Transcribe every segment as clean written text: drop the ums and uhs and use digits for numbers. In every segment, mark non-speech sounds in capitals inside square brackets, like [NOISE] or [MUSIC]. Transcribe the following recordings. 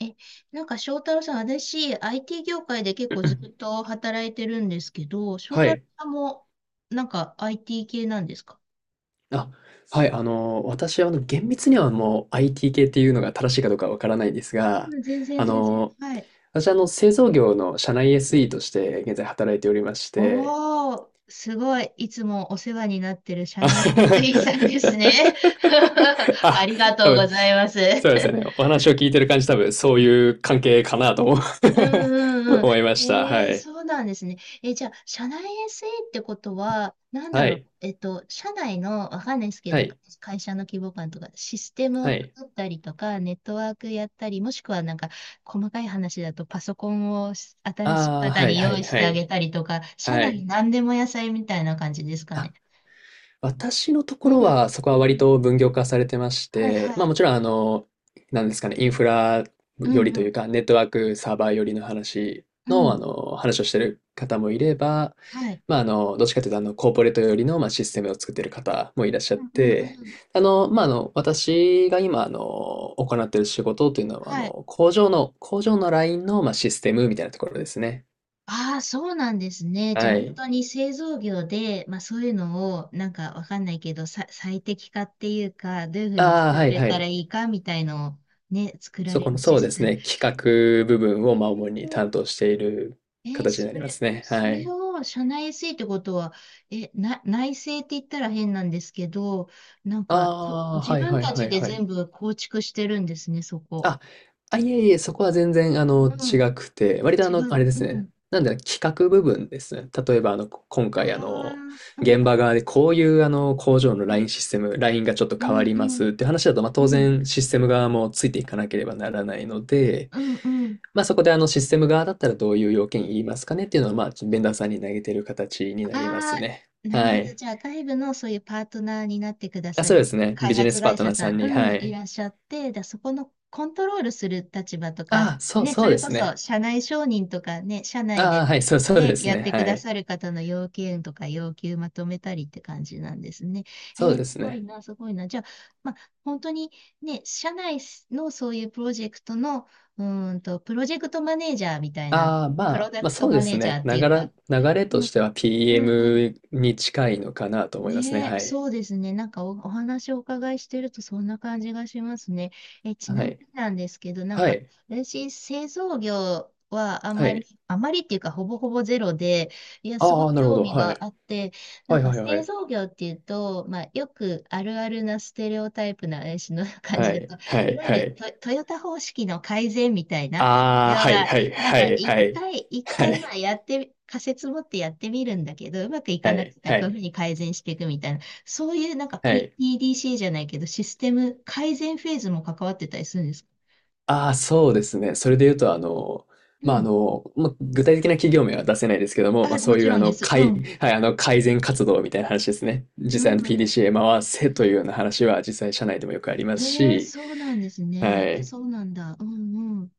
え、なんか翔太郎さん、私、IT 業界で結う構ずっんと働いてるんですけど、翔は太郎い。さんも、なんか IT 系なんですか？あ、はい。あの、私は、あの、厳密にはもう IT 系っていうのが正しいかどうかわからないんですあ、が、全然あ全然。の、はい。私は、あの、製造業の社内 SE として現在働いておりまして、おー、すごい。いつもお世話になってる社あ、外の SE [LAUGHS] さんですね。[LAUGHS] あありが多とうご分、ざいます。そうですよね。お話を聞いてる感じ、多分、そういう関係かなと思 うんうん [LAUGHS] う思いまん。した。はい。そうなんですね。じゃあ、社内 SE ってことは、なんだはろう、い。社内の、わかんないですけはど、い。会社の規模感とか、システムをはい。作ったりとか、ネットワークやったり、もしくはなんか、細かい話だと、パソコンを新しいああ、方はい、には用い、意しはてあい。げたりとか、社は内い。何でも野菜みたいな感じですかね。私のとうころん。は、そこはう割ん。と分業化されてましはいて、はい。まあもちろん、あの、なんですかね、インフラうよりんうというん。か、ネットワークサーバーよりの話うの、あん。の、話をしてる方もいれば、はい。まあ、あの、どっちかというと、あの、コーポレートよりの、まあ、システムを作ってる方もいらっしゃっうんうんうて、ん。あの、まあ、あの、私が今、あの、行ってる仕事というのは、あはい。の、工場の、工場のラインの、まあ、システムみたいなところですね。ああ、そうなんですね。じゃはあ本い。当に製造業で、まあそういうのをなんかわかんないけど、最適化っていうか、どういうふうにああ、作っはい、てっはたらい。いいかみたいのをね、作らそれこの、るそシうスですテム。ね、企画部分を、えまあ、主に担ー、当している形になりますね。そはれい。を社内 SE ってことは、内製って言ったら変なんですけど、なんか、ああ、自はい分はいたはちいではい。全部構築してるんですね、そこ。あ、あ、いえいえ、そこは全然あの、う違ん、くて、割とあ違の、あう。れですうね、ん。なんだろう、企画部分ですね。例えばあの、こ今あ回あの、あ、うんう現場ん側でこういうあの、工場のうライん。ンシステム、ラインがちょっとう変わんりうますんっていう話だと、まあ、う当ん。然システム側もついていかなければならないので、うんうん。まあ、そこであのシステム側だったらどういう要件言いますかねっていうのは、まあ、ちょっとベンダーさんに投げてる形になりますあね。あ、なるはほど。い。じゃあ、外部のそういうパートナーになってくだあ、さそうるですね。開ビジネ発スパー会トナ社ーささんん、に、うはん、いい。らっしゃって、そこのコントロールする立場とか、ああ、そうね、そそうれでこすそね。社内承認とかね、社内あであ、はい、そうそうでね、すやっね。てはくだい。さる方の要件とか要求まとめたりって感じなんですね。そうですすごいね。な、すごいな。じゃあ、まあ、本当にね、社内のそういうプロジェクトの、プロジェクトマネージャーみたいな、ああ、まプロあ、ダまあクトそうでマネすージャーね。ってないがうら、か、流れとうしん、ては うん、うん。PM に近いのかなと思いますね。ねえ、はい。そうですね。なんかお話をお伺いしてるとそんな感じがしますね。ちはなみい。になんですけど、なんはか、い。私、製造業はあんはまり、い。あまりっていうか、ほぼほぼゼロで、いや、すごあいあ、なるほ興ど。味はがい。あって、なはんいか、はいは製い。造業っていうと、まあ、よくあるあるなステレオタイプな私の [LAUGHS] 感はじだい。と、はいいわゆはるい。トヨタ方式の改善みたいな、あ要あ、はいは、はいなんはかい一はい。回、一は回まい。あやってみ、仮説持ってやってみるんだけど、うまくいかはいはなくいてははこういうふうい。に改善していくみたいな、そういうなんか、は い。PDC じゃないけど、システム改善フェーズも関わってたりするんですか？ああ、そうですね。それで言うと、あの、うまあ、あん。の、まあ、具体的な企業名は出せないですけども、まあ、あ、そもうちいうろあんでの、す。かういん。はい、あの、改善活動みたいな話ですね。実う際あの んうん。PDCA へ回せというような話は実際社内でもよくありますし、そうなんですね。はやっぱい。そうなんだ。うんうん。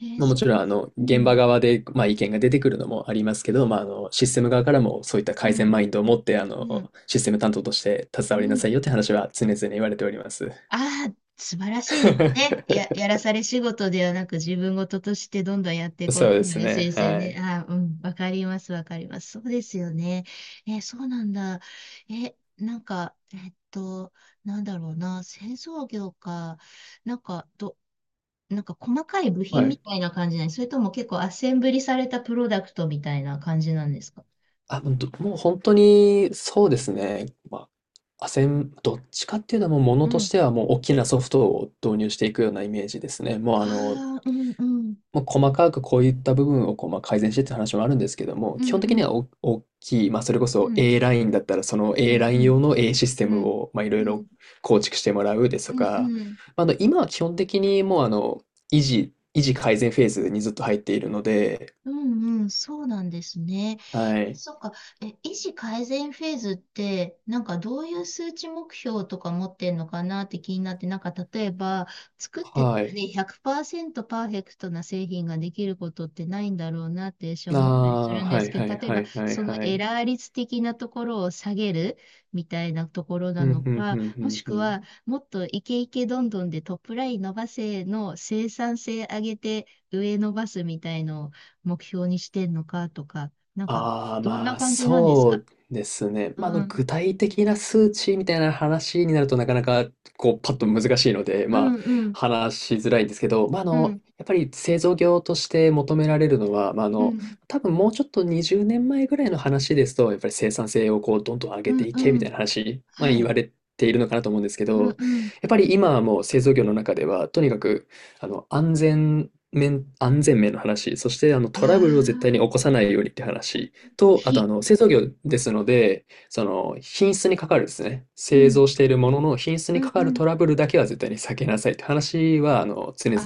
まあ、もそっちろか。んあの、う現場ん。側で、まあ、意見が出てくるのもありますけど、まあ、あの、システム側からもそういったう改善ん。マインドを持って、あうの、ん。システム担当として携うわりなん。さいよって話は常々言われております。ああ、素晴らしいですね。や、や [LAUGHS] らされ仕事ではなく自分事としてどんどんやっていこうっそうてです話でね、すよはね。い。ああ、うん、わかります、わかります。そうですよね。そうなんだ。なんか、なんだろうな、製造業か、なんか、なんか細かい部は品みい。たいな感じなんです？それとも結構アッセンブリされたプロダクトみたいな感じなんですか？あ、もう本当に、そうですね。ま、あアセンどっちかっていうのは、もうものうとしん。てはもう大きなソフトを導入していくようなイメージですね。もあうあの、あ、うんうん。もう細かくこういった部分をこう、ま、改善してって話もあるんですけども、う基本んう的にはん。お大きい、まあ、それこうそ ん A ラインだったら、その うん A ラインうん。用の A システうムん。を、ま、いろういろん。構築してもらうですうとんか、うん。まあ、あの、今は基本的にもうあの、維持改善フェーズにずっと入っているのでうんうん、そうなんですね。はい。そっか。医師改善フェーズって、なんかどういう数値目標とか持ってんのかなって気になって、なんか例えば、作ってたはらい。ね、100%パーセントパーフェクトな製品ができることってないんだろうなって私は思ったりするあんあー、ではすいけはど、い例えはば、いはいそのはエい。ラー率的なところを下げるみたいなところなうん、うのん、うか、ん、うもしん、うくん。は、もっとイケイケどんどんでトップライン伸ばせの生産性上げて上伸ばすみたいのを目標にしてんのかとか、なんか、ああ、どんなまあ、感じなんですそか？うですね。うまあ、あの、ん、具体的な数値みたいな話になるとなかなか、こう、パッと難しいので、うまあ、ん、うん、話しづらいんですけど、まあ、あうの、ん、やっぱり製造業として求められるのは、まあ、あうの、ん、多分もうちょっと20年前ぐらいの話ですと、やっぱり生産性をこう、どんどん上うげてん、いうけみたん、いな話、まあ、は言い、われているのかなと思うんですけうん、ど、うん、やっぱり今はもう製造業の中では、とにかく、あの、安全面、安全面の話、そしてあのあトラブルを絶対に起こさあ、ないようにって話うん、と、あとあひ、の製造業ですので、その品質にかかるですね、う製ん、造しているものの品質うにん、かかうるトん、ラブルだけは絶対に避けなさいって話はあの常あ々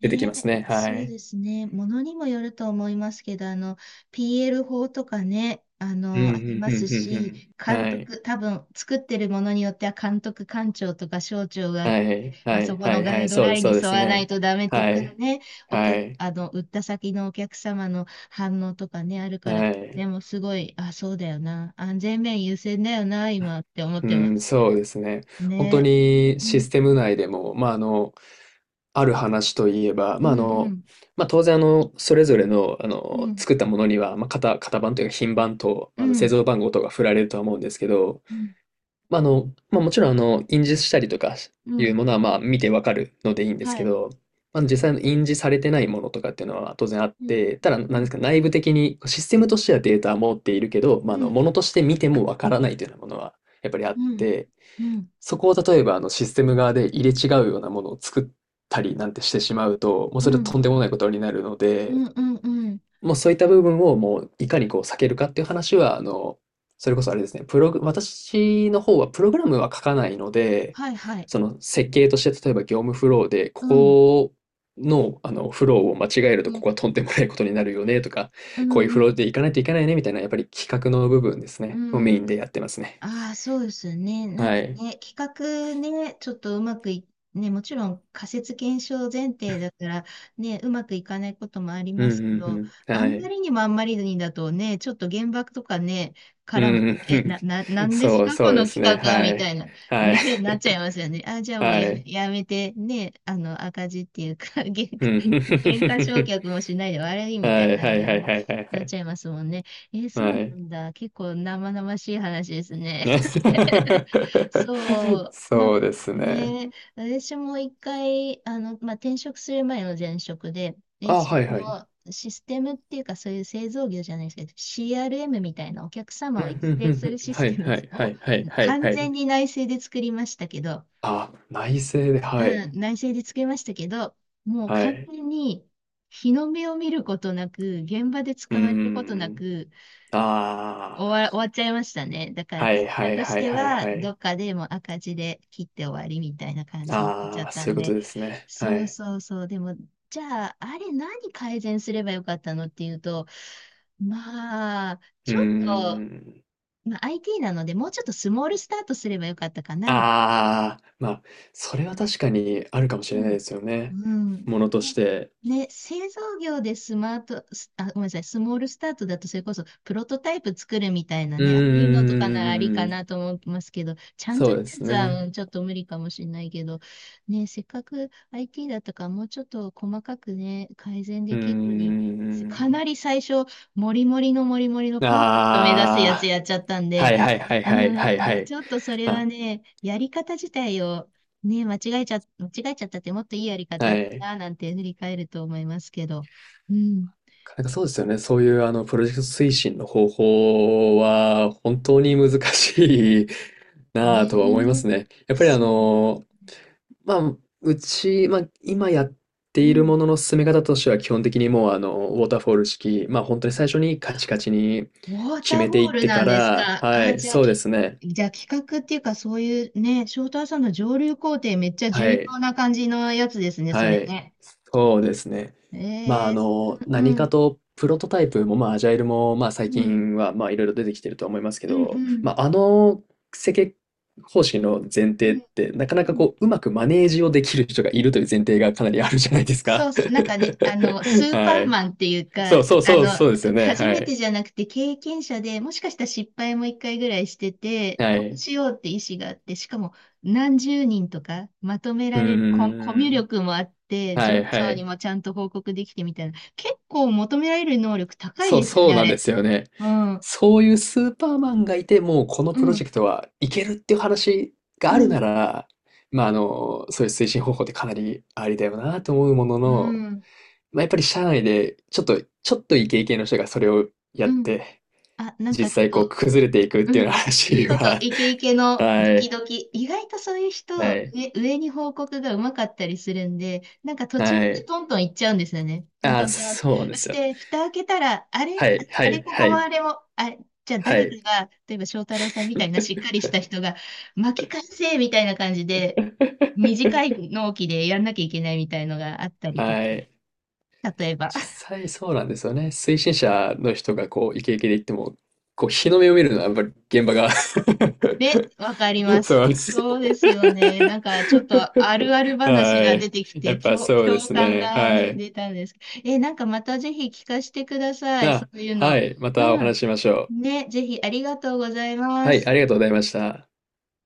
あ、出てきますね、ね。はそうい。ですね。ものにもよると思いますけど、あの、PL 法とかね、あうん、うの、ありんまうすんうんうし、ん。監はい。督、多分、作ってるものによっては、監督官庁とか省庁があっはいて、まはあ、そいこはのいガはいはイい、ドそうラですインそにうで沿すわないね。とダメとはかい。ね、はい。あの、売った先のお客様の反応とかね、あるから、はでい。も、すごい、あ、そうだよな。安全面優先だよな、今って思っうてまん、す。そうですね。本当ね。にうシん、ステム内でも、まあ、あの、ある話といえば、うまあ、あん、うの、ん、まあ、当然、あの、それぞれの、あうの、ん、作ったものには、まあ、型、型番というか、品番と、うまあの、製ん。造番号とか振られるとは思うんですけど、うんまあ、あの、まあ、もちろん、あの、印字したりとかういうん。ものは、まあ、見てわかるのでいいんですはけい。ど、まあ、実際の印字されてないものとかっていうのは当然あっうん。て、ただ、なうんでん。すか、内部的にシステムとしてはデータは持っているけど、まあ、あうの、ん。ものとして見てもわからないというようなものは、やっぱりあっうん。て、うん。そこを例えばあのシステム側で入れ違うようなものを作ったりなんてしてしまうと、もううそれはん。とんでもないことになるのうで、ん。うん。うん。もうそういった部分をもういかにこう避けるかっていう話は、あの、それこそあれですね、プログ私の方はプログラムは書かないので、はい。はい。その設計として例えば業務フローで、こうん。この、あのフローを間違えるうとこん。こはとんでもないことになるよねとか、うこういうフローん。でいかないといけないねみたいなやっぱり企画の部分ですうね、をメイん。ンでやってますね。ああ、そうですね。なんはかい。ね、企画ね、ちょっとうまくい、ね、もちろん仮説検証前提だから、ね、うまくいかないこともありうまんすけうんど、うん。あはんまい。りにもあんまりにだとね、ちょっと原爆とかね、うからも、ん。え、な、な、な [LAUGHS] んですそう、か、そこうでのすね。企画は、はみたいい。な、はい。ね、なっちゃいますよね。あ、じ [LAUGHS] ゃあもうはい。やめて、ね、あの、赤字っていうか、うん。原価償 [LAUGHS] 却もしないで悪いみたはいいな、はいはいね、はいはいはなっい。ちゃいますもんね。そうはない。んだ。結構生々しい話ですね。ね。[LAUGHS] [LAUGHS] そう、なんそかうですね。ね、私も一回、あの、まあ、転職する前の前職で、あ、はいあはい。のシステムっていうか、そういう製造業じゃないですけど、CRM みたいなお客う様ん、をう育んう成すんるうん。シスはテいムはいはをいはいはい完は全い。に内製で作りましたけど、あ、内政で、はうい。ん、内製で作りましたけど、もうは完い。全に日の目を見ることなく、現場でう使ーわれることなん。く、ああ。終わっちゃいましたね。だからは会いは社いとしはいてはいは、はどい。っかでもう赤字で切って終わりみたいな感じになっちゃあっあ、たそういんうこで、とですね。はそうい。そうそう。でも、じゃあ、あれ何改善すればよかったのっていうと、まあ、うーちょっと、ん。まあ、IT なので、もうちょっとスモールスタートすればよかったかな、ああ、まあ、それは確かにあるかもしれうないん。ですよね。うん。ものとしね、て。ね、製造業でスマート、すあ、ごめんなさい、スモールスタートだとそれこそプロトタイプ作るみたいなうーね、ああいうのとかならありかん、なと思ってますけど、ちゃんとそうしでたやすつね。はうん、ちょっと無理かもしれないけど、ね、せっかく IT だったからもうちょっと細かくね、改善うでーきるのに、かん。なり最初、モリモリのモリモリのパーフェクト目指すやつああ、やっちゃったんはで、いはいはいうはいはいん、はい。ちょっとそれはまね、やり方自体をね、間違えちゃったってもっといいやりあ、方はだっい。たなんて振り返ると思いますけど。うん。なんかそうですよね。そういうあのプロジェクト推進の方法は本当に難しい [LAUGHS] なあとは思いまねえ。すね。やっぱりあそう。の、まあ、うち、まあ、今やってういるん。ものの進め方としては、基本的にもう、あの、ウォーターフォール式、まあ、本当に最初にカチカチにウォータ決ーめフてォいーっルてなかんですら、か？はあ、い、じゃあ、そうですね。じゃあ企画っていうかそういうね、翔太さんの上流工程めっちゃは重い。要な感じのやつですね、そはれい。ね。そうですね。まあ、えあー、の、う何かん、とプロトタイプも、まあ、アジャイルも、まあ、う最ん、近は、まあ、いろいろ出てきてるとは思いますけうん、うん、ど、うん、まあ、あの設計方針の前う提ん。って、なかなうかこん。う、うまくマネージをできる人がいるという前提がかなりあるじゃないですそか。うそう、なんかね、あの、ス [LAUGHS] ーパはーい。マンっていうそか、うそうあそう、の、そうですよね。初はめい。てじゃなくて経験者で、もしかしたら失敗も一回ぐらいしてて、はこうい。しようって意思があって、しかも何十人とかまとめうられる、コ、コミーュん。力もあって、は上いは長にい。もちゃんと報告できてみたいな、結構求められる能力高そう、いですよそね、うあなんでれ。すよね。うん、うそういうスーパーマンがいて、もうこのプロん、ジェクトはいけるっていう話がうあるん、なら、まあ、あの、そういう推進方法ってかなりありだよなと思うものうの、ん、まあ、やっぱり社内でちょっと、ちょっとイケイケの人がそれをやうっん。て、あ、なん実かちょっ際こうと、崩れていくっうていうようん、な話ちょっとは、イケイケ [LAUGHS] のはドキい、ドキ、意外とそういうは人、い、ね、上に報告がうまかったりするんで、なんか途中まはでい。トントン行っちゃうんですよね。トンあトあ、ントンって。そうなんでそしすよ。て、蓋開けたら、あれ、はあい、はあれい、ここはもあい、れも、あれ、じゃあは誰かい。が、例えば翔太郎さんみたいなしっかりした人が、巻き返せみたいな感じで、短い [LAUGHS] 納期でやんなきゃいけないみたいのがあったりとか、はい。例えば。実際そうなんですよね。推進者の人がこうイケイケで言っても、こう日の目を見るのはやっぱり現場が ね、わかりま [LAUGHS] そうす。なんです。そうですよね。なんかちょっとあるある [LAUGHS] 話はが出い。てきやて、っぱそうで共す感ね。がはね、い。出たんですけど。なんかまたぜひ聞かせてください。そあ、ういうはの。い。またおうん。話ししましょう。ね、ぜひありがとうございまはい。す。ありがとうございました。